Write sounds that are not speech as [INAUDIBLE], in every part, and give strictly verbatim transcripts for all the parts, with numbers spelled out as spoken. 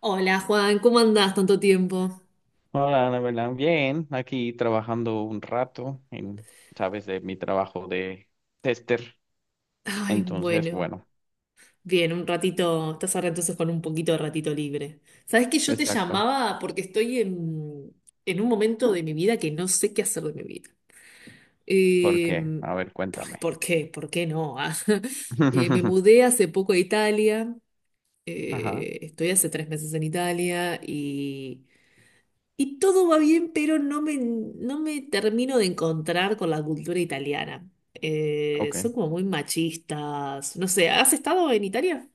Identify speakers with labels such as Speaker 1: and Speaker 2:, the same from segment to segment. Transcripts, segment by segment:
Speaker 1: Hola Juan, ¿cómo andás tanto tiempo?
Speaker 2: Hola, Ana. Bien, aquí trabajando un rato en, sabes, de mi trabajo de tester.
Speaker 1: Ay,
Speaker 2: Entonces,
Speaker 1: bueno.
Speaker 2: bueno,
Speaker 1: Bien, un ratito, estás ahora entonces con un poquito de ratito libre. Sabes que yo te
Speaker 2: exacto.
Speaker 1: llamaba porque estoy en, en un momento de mi vida que no sé qué hacer de mi vida.
Speaker 2: ¿Por qué?
Speaker 1: Eh,
Speaker 2: A ver,
Speaker 1: ¿por,
Speaker 2: cuéntame.
Speaker 1: por qué? ¿Por qué no? ¿Ah? [LAUGHS] Eh, me
Speaker 2: [LAUGHS]
Speaker 1: mudé hace poco a Italia,
Speaker 2: Ajá,
Speaker 1: eh, Estoy hace tres meses en Italia y Y todo va bien, pero no me, no me termino de encontrar con la cultura italiana. Eh,
Speaker 2: ok.
Speaker 1: son como muy machistas. No sé, ¿has estado en Italia?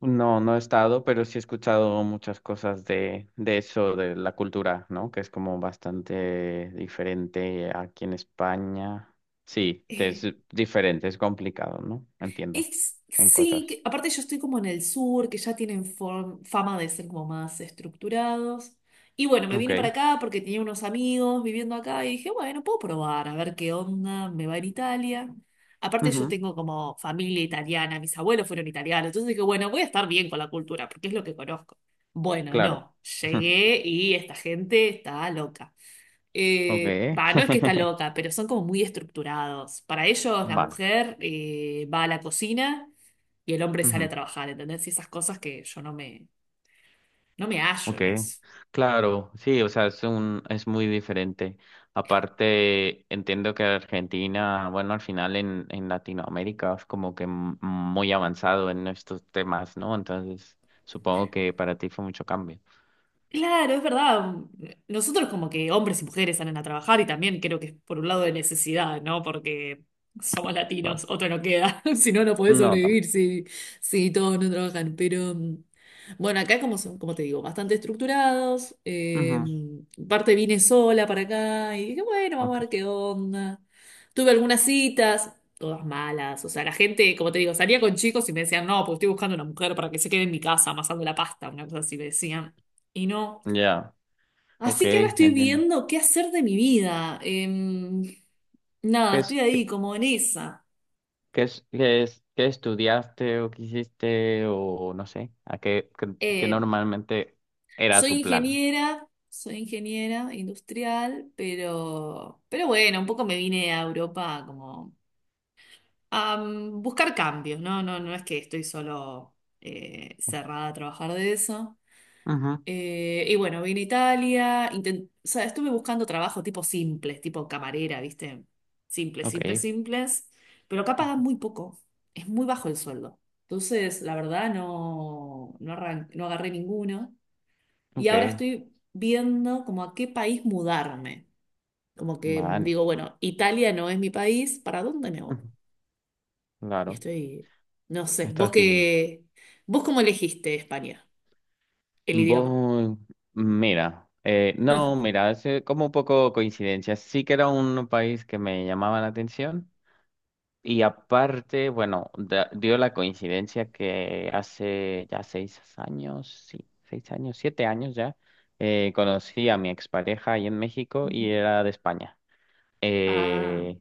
Speaker 2: No, no he estado, pero sí he escuchado muchas cosas de, de eso, de la cultura, ¿no? Que es como bastante diferente aquí en España. Sí, es diferente, es complicado, ¿no? Entiendo
Speaker 1: Es,
Speaker 2: en
Speaker 1: sí,
Speaker 2: cosas.
Speaker 1: que- aparte yo estoy como en el sur, que ya tienen form- fama de ser como más estructurados. Y bueno, me vine para
Speaker 2: Ok.
Speaker 1: acá porque tenía unos amigos viviendo acá y dije, bueno, puedo probar, a ver qué onda, me va en Italia. Aparte yo
Speaker 2: Ujú,
Speaker 1: tengo como familia italiana, mis abuelos fueron italianos, entonces dije, bueno, voy a estar bien con la cultura porque es lo que conozco. Bueno,
Speaker 2: claro.
Speaker 1: no,
Speaker 2: [LAUGHS]
Speaker 1: llegué y esta gente está loca. Eh,
Speaker 2: Okay.
Speaker 1: va, no es que está
Speaker 2: [LAUGHS]
Speaker 1: loca, pero son como muy estructurados. Para ellos, la
Speaker 2: Va.
Speaker 1: mujer eh, va a la cocina y el hombre sale a
Speaker 2: Ujú,
Speaker 1: trabajar, ¿entendés? Y esas cosas que yo no me, no me hallo
Speaker 2: ok.
Speaker 1: en eso.
Speaker 2: Claro, sí, o sea, es un, es muy diferente. Aparte, entiendo que Argentina, bueno, al final en, en Latinoamérica es como que m- muy avanzado en estos temas, ¿no? Entonces, supongo que para ti fue mucho cambio.
Speaker 1: Claro, es verdad. Nosotros como que hombres y mujeres salen a trabajar y también creo que es por un lado de necesidad, ¿no? Porque somos
Speaker 2: Claro.
Speaker 1: latinos, otra no queda. [LAUGHS] Si no, no podés
Speaker 2: No, también.
Speaker 1: sobrevivir si, si todos no trabajan. Pero mm, bueno, acá como son, como te digo, bastante estructurados. Eh,
Speaker 2: Ujú,
Speaker 1: parte vine sola para acá y dije, bueno, vamos a
Speaker 2: ok.
Speaker 1: ver qué onda. Tuve algunas citas, todas malas. O sea, la gente, como te digo, salía con chicos y me decían, no, pues estoy buscando una mujer para que se quede en mi casa amasando la pasta, una cosa así me decían. Y no.
Speaker 2: Ya. Ok,
Speaker 1: Así que ahora estoy
Speaker 2: entiendo.
Speaker 1: viendo qué hacer de mi vida. Em, nada,
Speaker 2: ¿Qué
Speaker 1: estoy
Speaker 2: es?
Speaker 1: ahí como en esa.
Speaker 2: ¿Qué es, qué es, qué estudiaste o qué hiciste o no sé? ¿A qué, qué, qué
Speaker 1: Em,
Speaker 2: normalmente era
Speaker 1: Soy
Speaker 2: tu plan?
Speaker 1: ingeniera, soy ingeniera industrial, pero, pero bueno, un poco me vine a Europa como a mm, buscar cambios, ¿no? No, no es que estoy solo eh, cerrada a trabajar de eso.
Speaker 2: Ujú,
Speaker 1: Eh, y bueno, vine a Italia, inten- o sea, estuve buscando trabajo tipo simples, tipo camarera, ¿viste? Simples,
Speaker 2: ok,
Speaker 1: simples, simples, pero acá pagan muy poco, es muy bajo el sueldo. Entonces, la verdad, no, no, arran- no agarré ninguno. Y
Speaker 2: ok,
Speaker 1: ahora estoy viendo como a qué país mudarme. Como que mm,
Speaker 2: vale,
Speaker 1: digo, bueno, Italia no es mi país, ¿para dónde me voy?
Speaker 2: ujú,
Speaker 1: Y
Speaker 2: claro,
Speaker 1: estoy, no sé, vos
Speaker 2: estás viendo.
Speaker 1: qué, vos cómo elegiste España, el idioma.
Speaker 2: Voy, mira, eh, no, mira, es eh, como un poco coincidencia. Sí que era un país que me llamaba la atención. Y aparte, bueno, da- dio la coincidencia que hace ya seis años, sí, seis años, siete años ya, eh, conocí a mi expareja ahí en México y
Speaker 1: Ujú.
Speaker 2: era de España.
Speaker 1: Ah.
Speaker 2: Eh,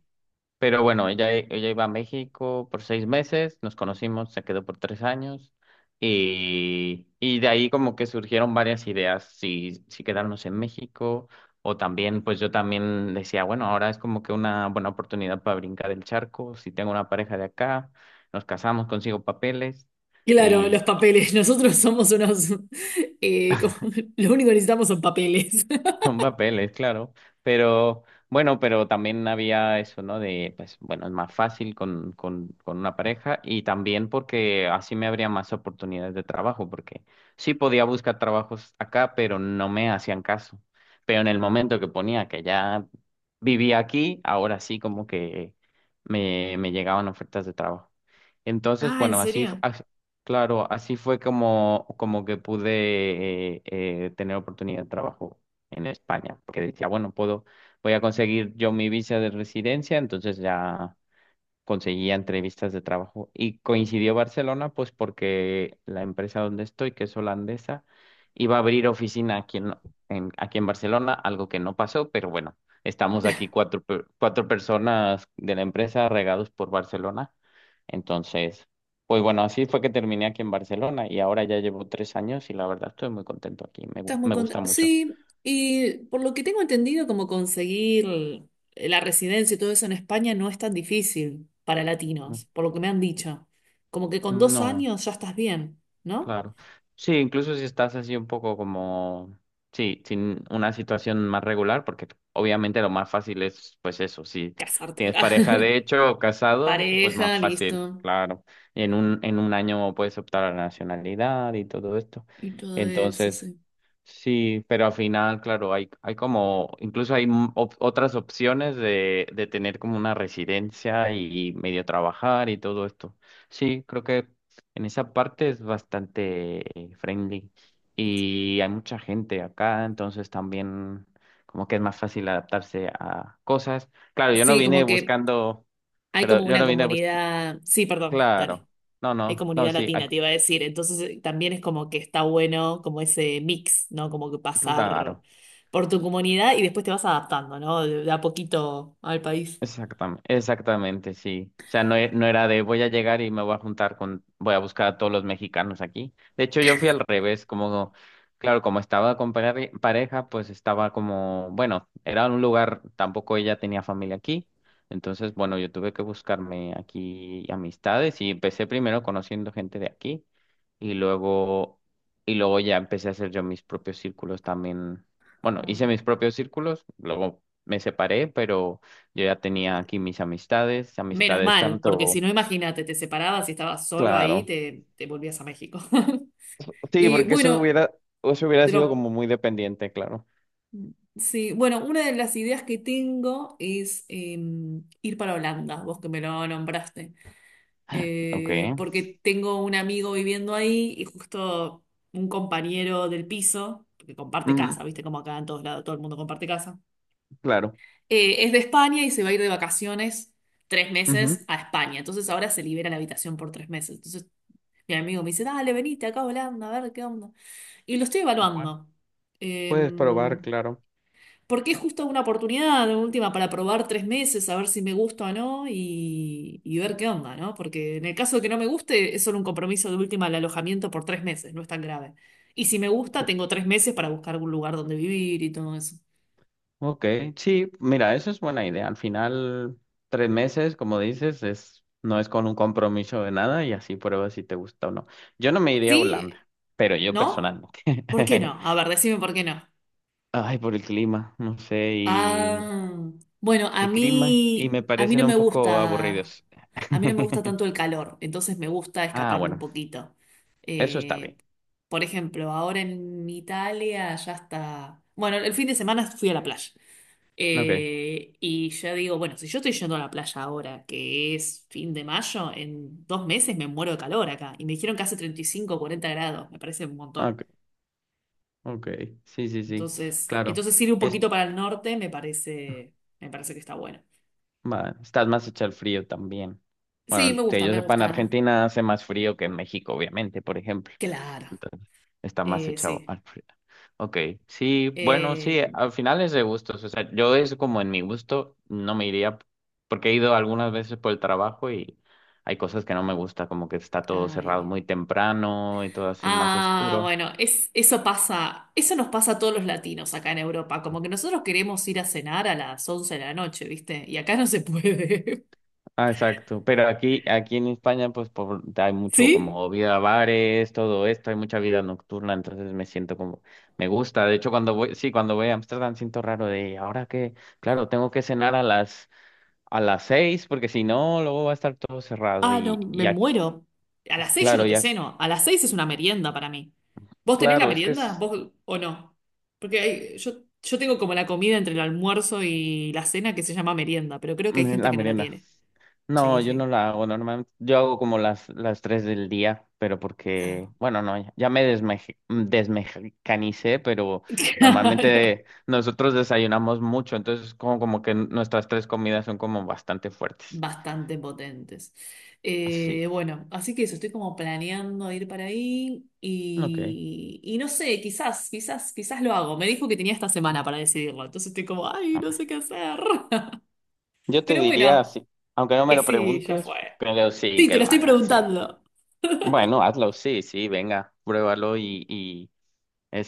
Speaker 2: pero bueno, ella, ella iba a México por seis meses, nos conocimos, se quedó por tres años y, y de ahí como que surgieron varias ideas, si, si quedarnos en México o también, pues yo también decía, bueno, ahora es como que una buena oportunidad para brincar el charco, si tengo una pareja de acá, nos casamos, consigo papeles.
Speaker 1: Claro, los papeles. [LAUGHS] Nosotros somos unos... [LAUGHS] eh, como- lo único que necesitamos son papeles. [LAUGHS]
Speaker 2: [LAUGHS] Son papeles, claro. Pero bueno, pero también había eso, ¿no? De, pues bueno, es más fácil con, con, con una pareja y también porque así me habría más oportunidades de trabajo, porque sí podía buscar trabajos acá, pero no me hacían caso. Pero en el momento que ponía que ya vivía aquí, ahora sí como que me, me llegaban ofertas de trabajo. Entonces,
Speaker 1: Ah, ¿en
Speaker 2: bueno, así, f-
Speaker 1: serio?
Speaker 2: as- claro, así fue como, como que pude eh, eh, tener oportunidad de trabajo en España, porque decía, bueno, puedo, voy a conseguir yo mi visa de residencia, entonces ya conseguía entrevistas de trabajo. Y coincidió Barcelona, pues porque la empresa donde estoy, que es holandesa, iba a abrir oficina aquí en, en- aquí en Barcelona, algo que no pasó, pero bueno, estamos aquí cuatro, per- cuatro personas de la empresa regados por Barcelona. Entonces, pues bueno, así fue que terminé aquí en Barcelona y ahora ya llevo tres años y la verdad estoy muy contento aquí, me,
Speaker 1: Estás
Speaker 2: gu-
Speaker 1: muy
Speaker 2: me gusta
Speaker 1: contenta.
Speaker 2: mucho.
Speaker 1: Sí, y por lo que tengo entendido, como conseguir la residencia y todo eso en España no es tan difícil para
Speaker 2: Mm.
Speaker 1: latinos, por lo que me han dicho. Como que con dos
Speaker 2: No.
Speaker 1: años ya estás bien, ¿no?
Speaker 2: Claro. Sí, incluso si estás así un poco como, sí, sin una situación más regular, porque obviamente lo más fácil es, pues eso, si
Speaker 1: Casarte.
Speaker 2: tienes pareja
Speaker 1: [LAUGHS] Ah,
Speaker 2: de hecho o casado, pues más
Speaker 1: pareja,
Speaker 2: fácil,
Speaker 1: listo.
Speaker 2: claro. En un, en un año puedes optar a la nacionalidad y todo esto.
Speaker 1: Y todo eso,
Speaker 2: Entonces,
Speaker 1: sí.
Speaker 2: sí, pero al final, claro, hay, hay como, incluso hay m- op- otras opciones de, de tener como una residencia y medio trabajar y todo esto. Sí, creo que en esa parte es bastante friendly y hay mucha gente acá, entonces también como que es más fácil adaptarse a cosas. Claro, yo no
Speaker 1: Sí,
Speaker 2: vine
Speaker 1: como que
Speaker 2: buscando,
Speaker 1: hay
Speaker 2: pero
Speaker 1: como
Speaker 2: yo
Speaker 1: una
Speaker 2: no vine buscando,
Speaker 1: comunidad. Sí, perdón, dale.
Speaker 2: claro, no,
Speaker 1: Hay
Speaker 2: no, no,
Speaker 1: comunidad
Speaker 2: sí,
Speaker 1: latina,
Speaker 2: ac-
Speaker 1: te iba a decir. Entonces eh, también es como que está bueno como ese mix, ¿no? Como que pasar
Speaker 2: claro.
Speaker 1: por tu comunidad y después te vas adaptando, ¿no? De, de a poquito al país.
Speaker 2: Exactamente, exactamente, sí. O sea, no, e- no era de voy a llegar y me voy a juntar con, voy a buscar a todos los mexicanos aquí. De hecho, yo fui al revés, como, claro, como estaba con pare- pareja, pues estaba como, bueno, era un lugar, tampoco ella tenía familia aquí. Entonces, bueno, yo tuve que buscarme aquí amistades y empecé primero conociendo gente de aquí y luego, y luego ya empecé a hacer yo mis propios círculos también. Bueno,
Speaker 1: Ah.
Speaker 2: hice mis propios círculos, luego me separé, pero... Yo ya tenía aquí mis amistades,
Speaker 1: Menos
Speaker 2: amistades
Speaker 1: mal, porque si
Speaker 2: tanto,
Speaker 1: no, imagínate, te separabas y estabas solo ahí,
Speaker 2: claro.
Speaker 1: te, te volvías a México. [LAUGHS]
Speaker 2: Sí,
Speaker 1: Y
Speaker 2: porque eso
Speaker 1: bueno,
Speaker 2: hubiera, eso hubiera sido
Speaker 1: pero,
Speaker 2: como muy dependiente, claro.
Speaker 1: sí, bueno, una de las ideas que tengo es em, ir para Holanda, vos que me lo nombraste.
Speaker 2: Ok.
Speaker 1: Eh, porque tengo un amigo viviendo ahí y justo un compañero del piso, que comparte casa,
Speaker 2: Ujú,
Speaker 1: viste como acá en todos lados todo el mundo comparte casa,
Speaker 2: claro.
Speaker 1: eh, es de España y se va a ir de vacaciones tres meses
Speaker 2: Ujú.
Speaker 1: a España. Entonces ahora se libera la habitación por tres meses. Entonces mi amigo me dice, dale, venite acá a Holanda, a ver qué onda. Y lo estoy
Speaker 2: Bueno,
Speaker 1: evaluando. Eh,
Speaker 2: puedes probar, claro.
Speaker 1: Porque es justo una oportunidad, de última, para probar tres meses, a ver si me gusta o no y, y ver qué onda, ¿no? Porque en el caso de que no me guste, es solo un compromiso de última al alojamiento por tres meses, no es tan grave. Y si me gusta,
Speaker 2: Ok,
Speaker 1: tengo tres meses para buscar algún lugar donde vivir y todo eso.
Speaker 2: ok, sí, mira, eso es buena idea. Al final, tres meses, como dices, es, no es con un compromiso de nada y así pruebas si te gusta o no. Yo no me iría a
Speaker 1: ¿Sí?
Speaker 2: Holanda, pero yo
Speaker 1: ¿No?
Speaker 2: personalmente.
Speaker 1: ¿Por qué
Speaker 2: [LAUGHS]
Speaker 1: no? A ver, decime por qué no.
Speaker 2: Ay, por el clima, no sé, y
Speaker 1: Ah, bueno, a
Speaker 2: y clima y
Speaker 1: mí,
Speaker 2: me
Speaker 1: a mí no
Speaker 2: parecen un
Speaker 1: me
Speaker 2: poco
Speaker 1: gusta,
Speaker 2: aburridos.
Speaker 1: a mí no me gusta tanto el
Speaker 2: [LAUGHS]
Speaker 1: calor, entonces me gusta
Speaker 2: Ah,
Speaker 1: escaparme un
Speaker 2: bueno,
Speaker 1: poquito.
Speaker 2: eso está
Speaker 1: Eh,
Speaker 2: bien.
Speaker 1: por ejemplo, ahora en Italia ya está, bueno, el fin de semana fui a la playa.
Speaker 2: Ok,
Speaker 1: Eh, y ya digo, bueno, si yo estoy yendo a la playa ahora, que es fin de mayo, en dos meses me muero de calor acá. Y me dijeron que hace treinta y cinco o cuarenta grados, me parece un montón.
Speaker 2: ok, ok. Sí, sí, sí,
Speaker 1: Entonces,
Speaker 2: claro.
Speaker 1: entonces ir un
Speaker 2: Es,
Speaker 1: poquito para el norte me parece, me parece que está bueno.
Speaker 2: va, estás más hecho al frío también.
Speaker 1: Sí, me
Speaker 2: Bueno, que
Speaker 1: gusta,
Speaker 2: yo
Speaker 1: me
Speaker 2: sepa, en
Speaker 1: gusta.
Speaker 2: Argentina hace más frío que en México, obviamente, por ejemplo.
Speaker 1: Claro,
Speaker 2: Entonces, está más
Speaker 1: eh,
Speaker 2: hecho
Speaker 1: sí.
Speaker 2: al frío. Ok, sí, bueno,
Speaker 1: Eh,
Speaker 2: sí, al final es de gustos, o sea, yo es como en mi gusto, no me iría, porque he ido algunas veces por el trabajo y hay cosas que no me gusta, como que está todo cerrado
Speaker 1: Ay.
Speaker 2: muy temprano y todo así más
Speaker 1: Ah,
Speaker 2: oscuro.
Speaker 1: bueno, es, eso pasa, eso nos pasa a todos los latinos acá en Europa, como que nosotros queremos ir a cenar a las once de la noche, ¿viste? Y acá no se puede.
Speaker 2: Ah, exacto, pero aquí, aquí en España, pues por, hay mucho
Speaker 1: [LAUGHS] ¿Sí?
Speaker 2: como vida bares, todo esto, hay mucha vida nocturna, entonces me siento como, me gusta, de hecho cuando voy, sí, cuando voy a Amsterdam siento raro de, ahora que, claro, tengo que cenar a las a las seis, porque si no, luego va a estar todo cerrado.
Speaker 1: Ah, no,
Speaker 2: Y, y
Speaker 1: me
Speaker 2: ya,
Speaker 1: muero. A las seis yo
Speaker 2: claro,
Speaker 1: no te
Speaker 2: ya,
Speaker 1: ceno, a las seis es una merienda para mí. ¿Vos tenés la
Speaker 2: claro, es que
Speaker 1: merienda?
Speaker 2: es
Speaker 1: ¿Vos o no? Porque hay- yo, yo tengo como la comida entre el almuerzo y la cena que se llama merienda, pero creo que hay
Speaker 2: mm,
Speaker 1: gente
Speaker 2: la
Speaker 1: que no la
Speaker 2: merienda.
Speaker 1: tiene.
Speaker 2: No,
Speaker 1: Sí,
Speaker 2: yo no
Speaker 1: sí.
Speaker 2: la hago normalmente. Yo hago como las, las tres del día, pero porque,
Speaker 1: Ah,
Speaker 2: bueno, no, ya, ya me desmeje- desmexicanicé, pero
Speaker 1: [LAUGHS] claro,
Speaker 2: normalmente nosotros desayunamos mucho, entonces como, como que nuestras tres comidas son como bastante fuertes.
Speaker 1: bastante potentes.
Speaker 2: Sí,
Speaker 1: Eh, bueno, así que eso, estoy como planeando ir para ahí
Speaker 2: ok.
Speaker 1: y, y no sé, quizás, quizás, quizás lo hago. Me dijo que tenía esta semana para decidirlo, entonces estoy como, ay, no sé qué hacer. [LAUGHS]
Speaker 2: Yo te
Speaker 1: Pero bueno,
Speaker 2: diría, sí, aunque no me
Speaker 1: que
Speaker 2: lo
Speaker 1: sí, ya fue.
Speaker 2: preguntes, pero sí
Speaker 1: Sí, te
Speaker 2: que
Speaker 1: lo
Speaker 2: lo
Speaker 1: estoy
Speaker 2: hagas, sí.
Speaker 1: preguntando.
Speaker 2: Bueno, hazlo, sí, sí, venga, pruébalo y, y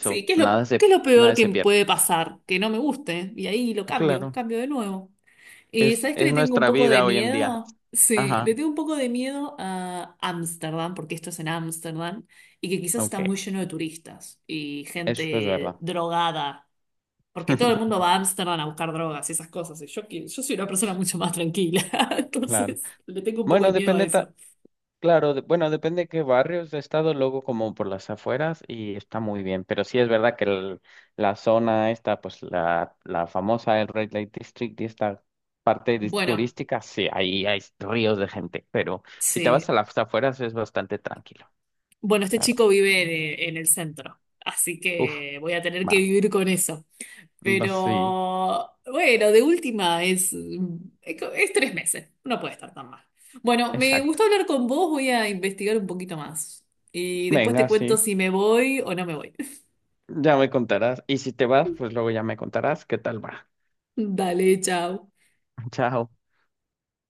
Speaker 1: Sí, ¿qué es
Speaker 2: nada
Speaker 1: lo,
Speaker 2: se,
Speaker 1: qué es lo peor
Speaker 2: nada
Speaker 1: que
Speaker 2: se pierde.
Speaker 1: puede pasar? Que no me guste y ahí lo cambio,
Speaker 2: Claro,
Speaker 1: cambio de nuevo. Eh,
Speaker 2: es,
Speaker 1: ¿sabes que le
Speaker 2: es
Speaker 1: tengo un
Speaker 2: nuestra
Speaker 1: poco de
Speaker 2: vida hoy en día.
Speaker 1: miedo? Sí, le
Speaker 2: Ajá,
Speaker 1: tengo un poco de miedo a Ámsterdam, porque esto es en Ámsterdam, y que quizás está
Speaker 2: ok,
Speaker 1: muy lleno de turistas y
Speaker 2: eso es
Speaker 1: gente
Speaker 2: verdad.
Speaker 1: drogada, porque todo el mundo
Speaker 2: [LAUGHS]
Speaker 1: va a Ámsterdam a buscar drogas y esas cosas, y yo, que- yo soy una persona mucho más tranquila, [LAUGHS]
Speaker 2: Claro.
Speaker 1: entonces le tengo un poco de
Speaker 2: Bueno,
Speaker 1: miedo a
Speaker 2: depende,
Speaker 1: eso.
Speaker 2: ta- claro, de- bueno, depende de qué barrios. He estado luego como por las afueras y está muy bien, pero sí es verdad que el- la zona esta, pues la, la famosa, el Red Light District y esta parte dis-
Speaker 1: Bueno,
Speaker 2: turística, sí, ahí hay ríos de gente, pero si te vas a
Speaker 1: sí.
Speaker 2: las afueras es bastante tranquilo.
Speaker 1: Bueno, este
Speaker 2: Claro.
Speaker 1: chico vive en en el centro, así
Speaker 2: Uf,
Speaker 1: que voy a tener
Speaker 2: va,
Speaker 1: que vivir con eso.
Speaker 2: va, sí,
Speaker 1: Pero bueno, de última es, es tres meses, no puede estar tan mal. Bueno, me
Speaker 2: exacto.
Speaker 1: gustó hablar con vos, voy a investigar un poquito más y después te
Speaker 2: Venga,
Speaker 1: cuento
Speaker 2: sí,
Speaker 1: si me voy o no me voy.
Speaker 2: ya me contarás. Y si te vas, pues luego ya me contarás qué tal va.
Speaker 1: [LAUGHS] Dale, chao.
Speaker 2: [LAUGHS] Chao.